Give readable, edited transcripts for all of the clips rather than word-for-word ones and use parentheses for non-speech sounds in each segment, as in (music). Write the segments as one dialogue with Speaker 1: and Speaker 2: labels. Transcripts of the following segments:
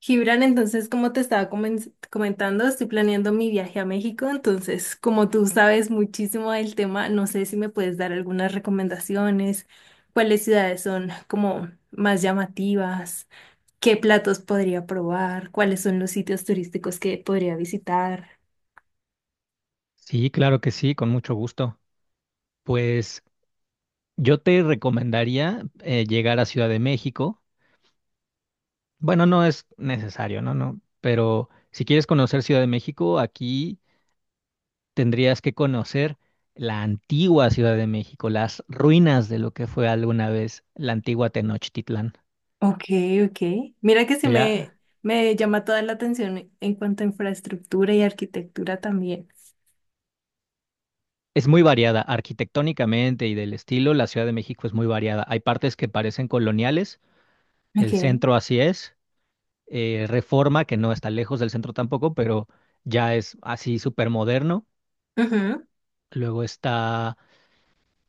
Speaker 1: Gibran, entonces, como te estaba comentando, estoy planeando mi viaje a México. Entonces, como tú sabes muchísimo del tema, no sé si me puedes dar algunas recomendaciones, cuáles ciudades son como más llamativas, qué platos podría probar, cuáles son los sitios turísticos que podría visitar.
Speaker 2: Sí, claro que sí, con mucho gusto. Pues yo te recomendaría llegar a Ciudad de México. Bueno, no es necesario, ¿no? No, pero si quieres conocer Ciudad de México, aquí tendrías que conocer la antigua Ciudad de México, las ruinas de lo que fue alguna vez la antigua Tenochtitlán.
Speaker 1: Ok, ok. Mira que sí
Speaker 2: Ya
Speaker 1: Me llama toda la atención en cuanto a infraestructura y arquitectura también.
Speaker 2: es muy variada arquitectónicamente y del estilo, la Ciudad de México es muy variada. Hay partes que parecen coloniales,
Speaker 1: Ok.
Speaker 2: el centro así es Reforma, que no está lejos del centro tampoco, pero ya es así súper moderno.
Speaker 1: Ujú,
Speaker 2: Luego está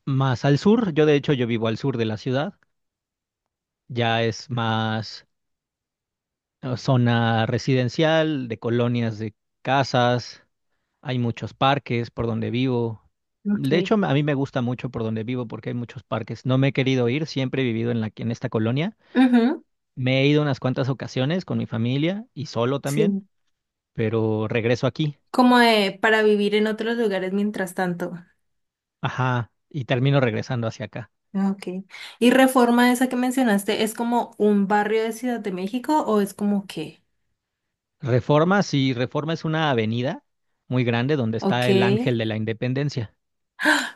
Speaker 2: más al sur, yo de hecho yo vivo al sur de la ciudad, ya es más zona residencial, de colonias de casas, hay muchos parques por donde vivo. De
Speaker 1: ok.
Speaker 2: hecho, a mí me gusta mucho por donde vivo porque hay muchos parques. No me he querido ir, siempre he vivido en la, en esta colonia.
Speaker 1: Ujú,
Speaker 2: Me he ido unas cuantas ocasiones con mi familia y solo también,
Speaker 1: sí.
Speaker 2: pero regreso aquí.
Speaker 1: Como de para vivir en otros lugares mientras tanto.
Speaker 2: Ajá, y termino regresando hacia acá.
Speaker 1: Ah, ok. ¿Y Reforma, esa que mencionaste, es como un barrio de Ciudad de México o es como qué?
Speaker 2: Reforma, sí, Reforma es una avenida muy grande donde
Speaker 1: Ok.
Speaker 2: está el Ángel de la Independencia.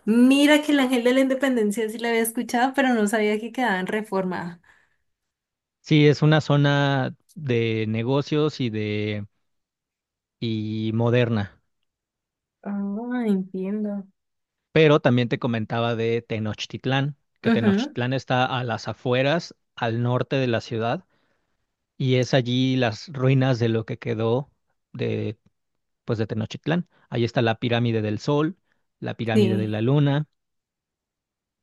Speaker 1: Mira que el Ángel de la Independencia sí la había escuchado, pero no sabía que quedaba en Reforma.
Speaker 2: Sí, es una zona de negocios y de y moderna,
Speaker 1: Ah, entiendo.
Speaker 2: pero también te comentaba de Tenochtitlán, que
Speaker 1: Ujú,
Speaker 2: Tenochtitlán está a las afueras, al norte de la ciudad, y es allí las ruinas de lo que quedó de pues de Tenochtitlán. Ahí está la pirámide del Sol, la pirámide de
Speaker 1: sí.
Speaker 2: la Luna.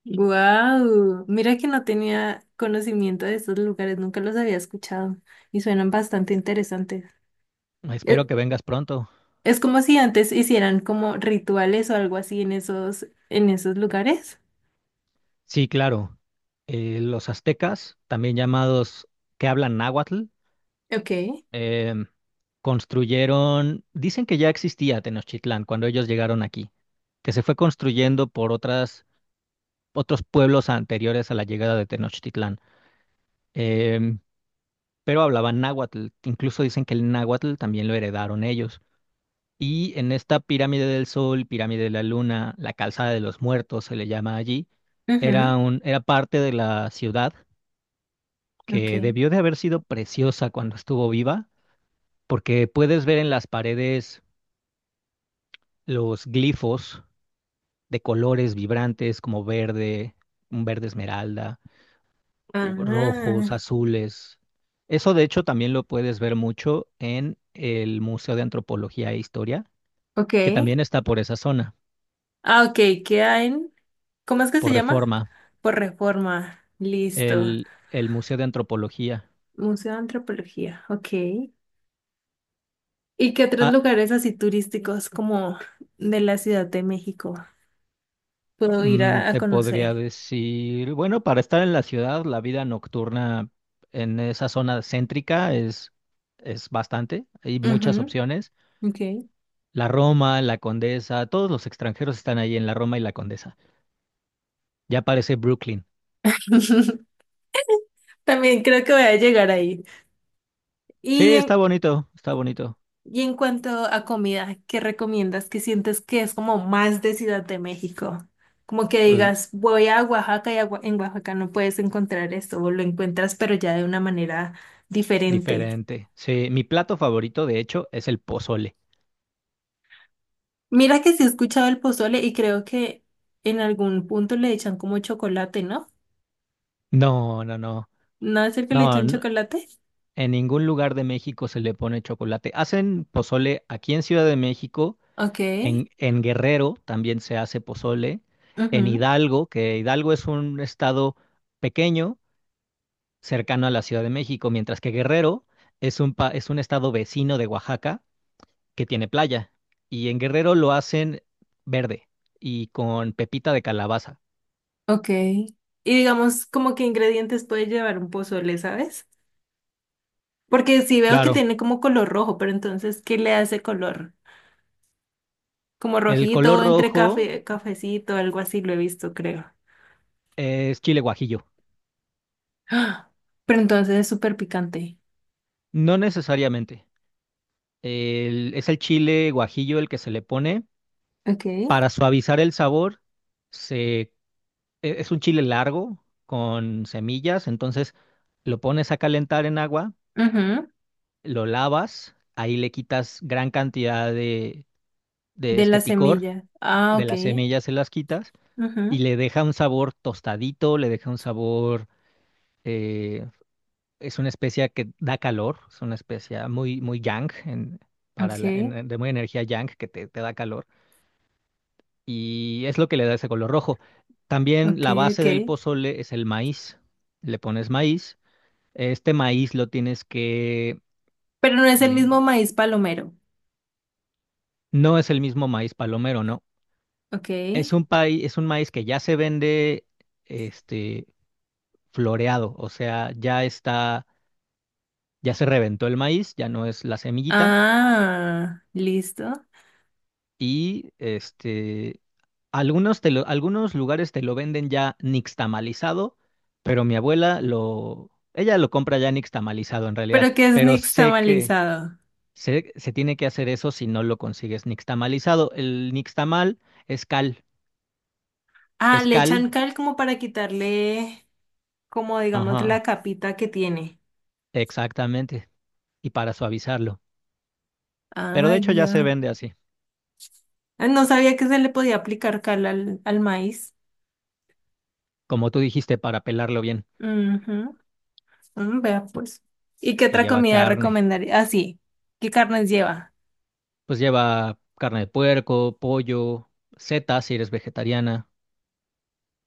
Speaker 1: Wow. Mira que no tenía conocimiento de estos lugares, nunca los había escuchado y suenan bastante interesantes.
Speaker 2: Espero
Speaker 1: Eh,
Speaker 2: que vengas pronto.
Speaker 1: Es como si antes hicieran como rituales o algo así en esos lugares.
Speaker 2: Sí, claro. Los aztecas, también llamados que hablan náhuatl,
Speaker 1: Ok.
Speaker 2: em, construyeron, dicen que ya existía Tenochtitlán cuando ellos llegaron aquí, que se fue construyendo por otras, otros pueblos anteriores a la llegada de Tenochtitlán, Em, pero hablaban náhuatl, incluso dicen que el náhuatl también lo heredaron ellos. Y en esta pirámide del Sol, pirámide de la Luna, la calzada de los muertos se le llama allí,
Speaker 1: Ujú,
Speaker 2: era un, era parte de la ciudad
Speaker 1: ok.
Speaker 2: que debió de haber sido preciosa cuando estuvo viva, porque puedes ver en las paredes los glifos de colores vibrantes como verde, un verde esmeralda, rojos,
Speaker 1: Ah,
Speaker 2: azules. Eso de hecho también lo puedes ver mucho en el Museo de Antropología e Historia,
Speaker 1: ok.
Speaker 2: que también está por esa zona,
Speaker 1: Ah, ok, queda en... ¿Cómo es que se
Speaker 2: por
Speaker 1: llama?
Speaker 2: Reforma,
Speaker 1: Por Reforma. Listo.
Speaker 2: el Museo de Antropología.
Speaker 1: Museo de Antropología. Ok. ¿Y qué otros
Speaker 2: Ah,
Speaker 1: lugares así turísticos como de la Ciudad de México puedo ir
Speaker 2: mm,
Speaker 1: a
Speaker 2: te podría
Speaker 1: conocer?
Speaker 2: decir, bueno, para estar en la ciudad, la vida nocturna en esa zona céntrica es bastante. Hay muchas
Speaker 1: Ujú,
Speaker 2: opciones.
Speaker 1: ok.
Speaker 2: La Roma, la Condesa, todos los extranjeros están ahí en la Roma y la Condesa. Ya parece Brooklyn.
Speaker 1: (laughs) También creo que voy a llegar ahí.
Speaker 2: Sí,
Speaker 1: ¿Y
Speaker 2: está
Speaker 1: en,
Speaker 2: bonito, está bonito.
Speaker 1: ¿Y en cuanto a comida, qué recomiendas? ¿Qué sientes que es como más de Ciudad de México? Como que
Speaker 2: Pues
Speaker 1: digas, voy a Oaxaca y a en Oaxaca no puedes encontrar esto, o lo encuentras, pero ya de una manera diferente.
Speaker 2: diferente. Sí, mi plato favorito, de hecho, es el pozole.
Speaker 1: Mira que sí he escuchado el pozole y creo que en algún punto le echan como chocolate, ¿no?
Speaker 2: No, no, no.
Speaker 1: ¿No es el que le
Speaker 2: No,
Speaker 1: echan chocolate?
Speaker 2: en ningún lugar de México se le pone chocolate. Hacen pozole aquí en Ciudad de México.
Speaker 1: Ok,
Speaker 2: En Guerrero también se hace pozole. En
Speaker 1: ujú,
Speaker 2: Hidalgo, que Hidalgo es un estado pequeño, cercano a la Ciudad de México, mientras que Guerrero es un, es un estado vecino de Oaxaca que tiene playa. Y en Guerrero lo hacen verde y con pepita de calabaza.
Speaker 1: ok. Y digamos, ¿como que ingredientes puede llevar un pozole, sabes? Porque sí veo que
Speaker 2: Claro,
Speaker 1: tiene como color rojo, pero entonces, ¿qué le hace color? Como
Speaker 2: el color
Speaker 1: rojito, entre
Speaker 2: rojo
Speaker 1: café, cafecito, algo así lo he visto, creo.
Speaker 2: es chile guajillo.
Speaker 1: ¡Ah! Pero entonces es súper picante.
Speaker 2: No necesariamente. Es el chile guajillo el que se le pone
Speaker 1: Ok.
Speaker 2: para suavizar el sabor se es un chile largo con semillas, entonces lo pones a calentar en agua,
Speaker 1: Ujú,
Speaker 2: lo lavas, ahí le quitas gran cantidad de
Speaker 1: de
Speaker 2: este
Speaker 1: la
Speaker 2: picor,
Speaker 1: semilla. Ah,
Speaker 2: de
Speaker 1: ok.
Speaker 2: las semillas se las quitas y
Speaker 1: Ujú,
Speaker 2: le deja un sabor tostadito, le deja un sabor, eh, es una especia que da calor, es una especia muy, muy yang, para
Speaker 1: ok,
Speaker 2: de muy energía yang que te da calor y es lo que le da ese color rojo. También
Speaker 1: ok,
Speaker 2: la base
Speaker 1: ok.
Speaker 2: del pozole es el maíz. Le pones maíz. Este maíz lo tienes que...
Speaker 1: Pero no es el mismo
Speaker 2: eh,
Speaker 1: maíz palomero.
Speaker 2: no es el mismo maíz palomero, ¿no?
Speaker 1: Ok.
Speaker 2: Es un es un maíz que ya se vende este, floreado, o sea, ya está, ya se reventó el maíz, ya no es la semillita
Speaker 1: Ah, listo.
Speaker 2: y este, algunos, algunos lugares te lo venden ya nixtamalizado, pero mi abuela lo... Ella lo compra ya nixtamalizado en realidad,
Speaker 1: Pero que es
Speaker 2: pero sé que...
Speaker 1: nixtamalizado?
Speaker 2: Se tiene que hacer eso si no lo consigues nixtamalizado. El nixtamal es cal,
Speaker 1: Ah,
Speaker 2: es
Speaker 1: le
Speaker 2: cal,
Speaker 1: echan cal como para quitarle, como digamos, la
Speaker 2: ajá,
Speaker 1: capita que tiene.
Speaker 2: exactamente, y para suavizarlo. Pero de
Speaker 1: Ay,
Speaker 2: hecho ya se
Speaker 1: ya.
Speaker 2: vende así,
Speaker 1: Ah, no sabía que se le podía aplicar cal al maíz.
Speaker 2: como tú dijiste, para pelarlo bien.
Speaker 1: Ujú, vea pues. ¿Y qué
Speaker 2: Y
Speaker 1: otra
Speaker 2: lleva
Speaker 1: comida
Speaker 2: carne,
Speaker 1: recomendaría? Ah, sí. ¿Qué carnes lleva?
Speaker 2: pues lleva carne de puerco, pollo, setas si eres vegetariana.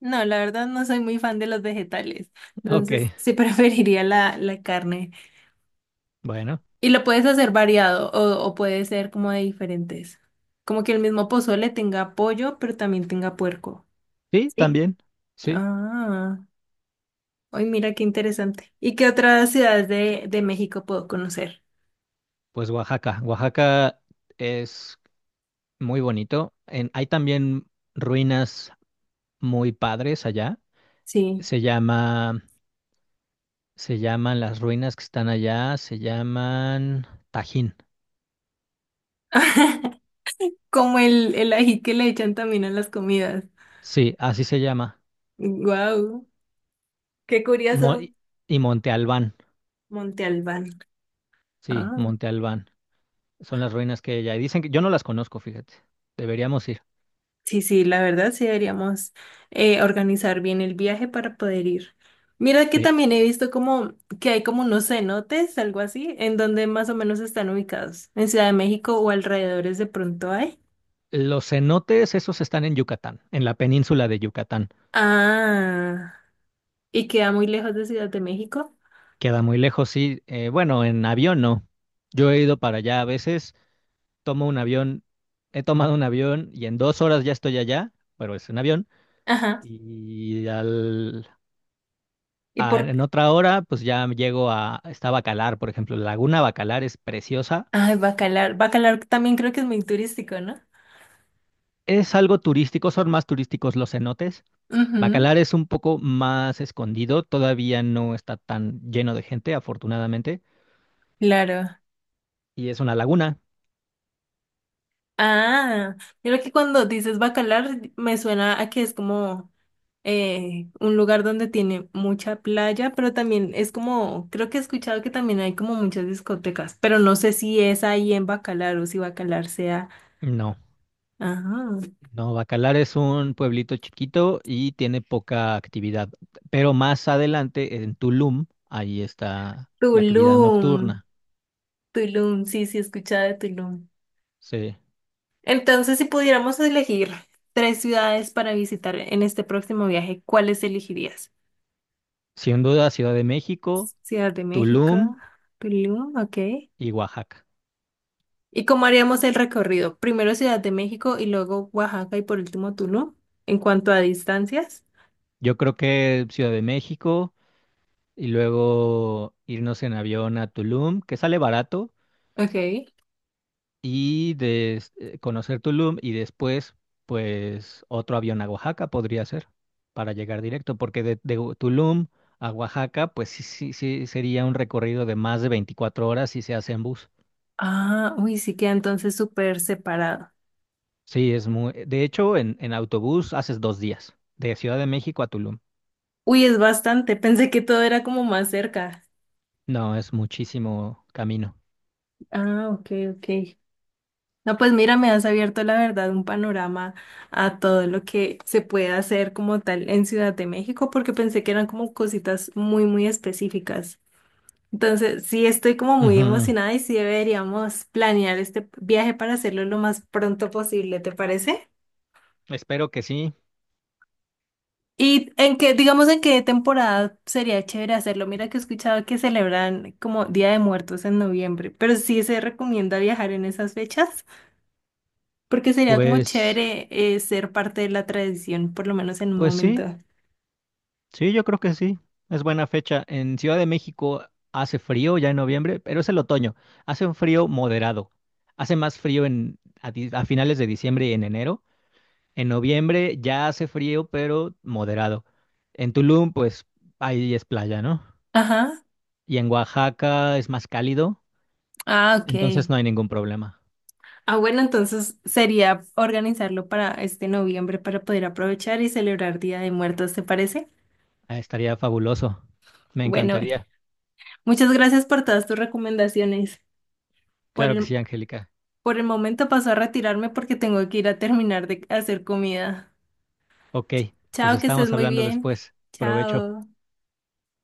Speaker 1: No, la verdad no soy muy fan de los vegetales.
Speaker 2: Ok,
Speaker 1: Entonces sí (laughs) preferiría la carne.
Speaker 2: bueno,
Speaker 1: Y ¿lo puedes hacer variado o puede ser como de diferentes? Como que el mismo pozole tenga pollo, pero también tenga puerco.
Speaker 2: sí,
Speaker 1: ¿Sí?
Speaker 2: también, sí.
Speaker 1: Ah, hoy, mira qué interesante. ¿Y qué otras ciudades de México puedo conocer?
Speaker 2: Pues Oaxaca, Oaxaca es muy bonito. Hay también ruinas muy padres allá.
Speaker 1: Sí.
Speaker 2: Se llama Se llaman las ruinas que están allá, se llaman Tajín.
Speaker 1: (laughs) Como el ají que le echan también a las comidas.
Speaker 2: Sí, así se llama.
Speaker 1: Wow, qué
Speaker 2: Mo-
Speaker 1: curioso.
Speaker 2: y y Monte Albán.
Speaker 1: Monte Albán.
Speaker 2: Sí,
Speaker 1: Ah,
Speaker 2: Monte Albán. Son las ruinas que hay allá. Y dicen que yo no las conozco, fíjate. Deberíamos ir.
Speaker 1: sí, sí, la verdad sí deberíamos organizar bien el viaje para poder ir. Mira que
Speaker 2: Sí.
Speaker 1: también he visto como que hay como unos cenotes, algo así. ¿En donde más o menos están ubicados? ¿En Ciudad de México o alrededores de pronto hay?
Speaker 2: Los cenotes, esos están en Yucatán, en la península de Yucatán.
Speaker 1: Ah, ¿y queda muy lejos de Ciudad de México?
Speaker 2: Queda muy lejos, sí. Bueno, en avión no. Yo he ido para allá. A veces tomo un avión, he tomado un avión y en 2 horas ya estoy allá, pero es un avión.
Speaker 1: Ajá.
Speaker 2: Y al
Speaker 1: Y
Speaker 2: ah,
Speaker 1: por...
Speaker 2: en otra hora, pues ya llego a, está Bacalar, por ejemplo. La Laguna Bacalar es preciosa.
Speaker 1: Ay, Bacalar. Bacalar también creo que es muy turístico, ¿no?
Speaker 2: Es algo turístico, son más turísticos los cenotes.
Speaker 1: Ujú,
Speaker 2: Bacalar es un poco más escondido, todavía no está tan lleno de gente, afortunadamente.
Speaker 1: claro.
Speaker 2: Y es una laguna.
Speaker 1: Ah, yo creo que cuando dices Bacalar me suena a que es como un lugar donde tiene mucha playa, pero también es como, creo que he escuchado que también hay como muchas discotecas, pero no sé si es ahí en Bacalar o si Bacalar sea,
Speaker 2: No,
Speaker 1: ajá,
Speaker 2: no, Bacalar es un pueblito chiquito y tiene poca actividad. Pero más adelante, en Tulum, ahí está la actividad
Speaker 1: Tulum,
Speaker 2: nocturna.
Speaker 1: Tulum, sí, sí, he escuchado de Tulum.
Speaker 2: Sí,
Speaker 1: Entonces, si pudiéramos elegir tres ciudades para visitar en este próximo viaje, ¿cuáles elegirías?
Speaker 2: sin duda, Ciudad de México,
Speaker 1: Ciudad de México,
Speaker 2: Tulum
Speaker 1: Tulum, ok.
Speaker 2: y Oaxaca.
Speaker 1: ¿Y cómo haríamos el recorrido? Primero Ciudad de México y luego Oaxaca y por último Tulum, en cuanto a distancias.
Speaker 2: Yo creo que Ciudad de México y luego irnos en avión a Tulum, que sale barato,
Speaker 1: Ok.
Speaker 2: y de conocer Tulum y después, pues otro avión a Oaxaca podría ser para llegar directo, porque de Tulum a Oaxaca, pues sí, sí, sí sería un recorrido de más de 24 horas si se hace en bus.
Speaker 1: Ah, uy, sí queda entonces súper separado.
Speaker 2: Sí, es muy... De hecho, en autobús haces 2 días, de Ciudad de México a Tulum.
Speaker 1: Uy, es bastante. Pensé que todo era como más cerca.
Speaker 2: No, es muchísimo camino.
Speaker 1: Ah, ok, ok. No, pues mira, me has abierto la verdad un panorama a todo lo que se puede hacer como tal en Ciudad de México, porque pensé que eran como cositas muy específicas. Entonces, sí estoy como muy
Speaker 2: Ujú.
Speaker 1: emocionada y sí deberíamos planear este viaje para hacerlo lo más pronto posible, ¿te parece?
Speaker 2: Espero que sí.
Speaker 1: ¿Y en qué, digamos, en qué temporada sería chévere hacerlo? Mira que he escuchado que celebran como Día de Muertos en noviembre, pero ¿sí se recomienda viajar en esas fechas porque sería como
Speaker 2: Pues...
Speaker 1: chévere, ser parte de la tradición, por lo menos en un
Speaker 2: Pues sí,
Speaker 1: momento?
Speaker 2: sí, yo creo que sí. Es buena fecha. En Ciudad de México hace frío ya en noviembre, pero es el otoño. Hace un frío moderado. Hace más frío en, a, a finales de diciembre y en enero. En noviembre ya hace frío, pero moderado. En Tulum, pues ahí es playa, ¿no?
Speaker 1: Ajá.
Speaker 2: Y en Oaxaca es más cálido,
Speaker 1: Ah,
Speaker 2: entonces
Speaker 1: ok.
Speaker 2: no hay ningún problema.
Speaker 1: Ah, bueno, entonces sería organizarlo para este noviembre para poder aprovechar y celebrar Día de Muertos, ¿te parece?
Speaker 2: Ah, estaría fabuloso. Me
Speaker 1: Bueno,
Speaker 2: encantaría.
Speaker 1: muchas gracias por todas tus recomendaciones. Por
Speaker 2: Claro que
Speaker 1: el,
Speaker 2: sí, Angélica.
Speaker 1: por el momento paso a retirarme porque tengo que ir a terminar de hacer comida.
Speaker 2: Ok, pues
Speaker 1: Chao, que estés
Speaker 2: estamos
Speaker 1: muy
Speaker 2: hablando
Speaker 1: bien.
Speaker 2: después. Provecho.
Speaker 1: Chao.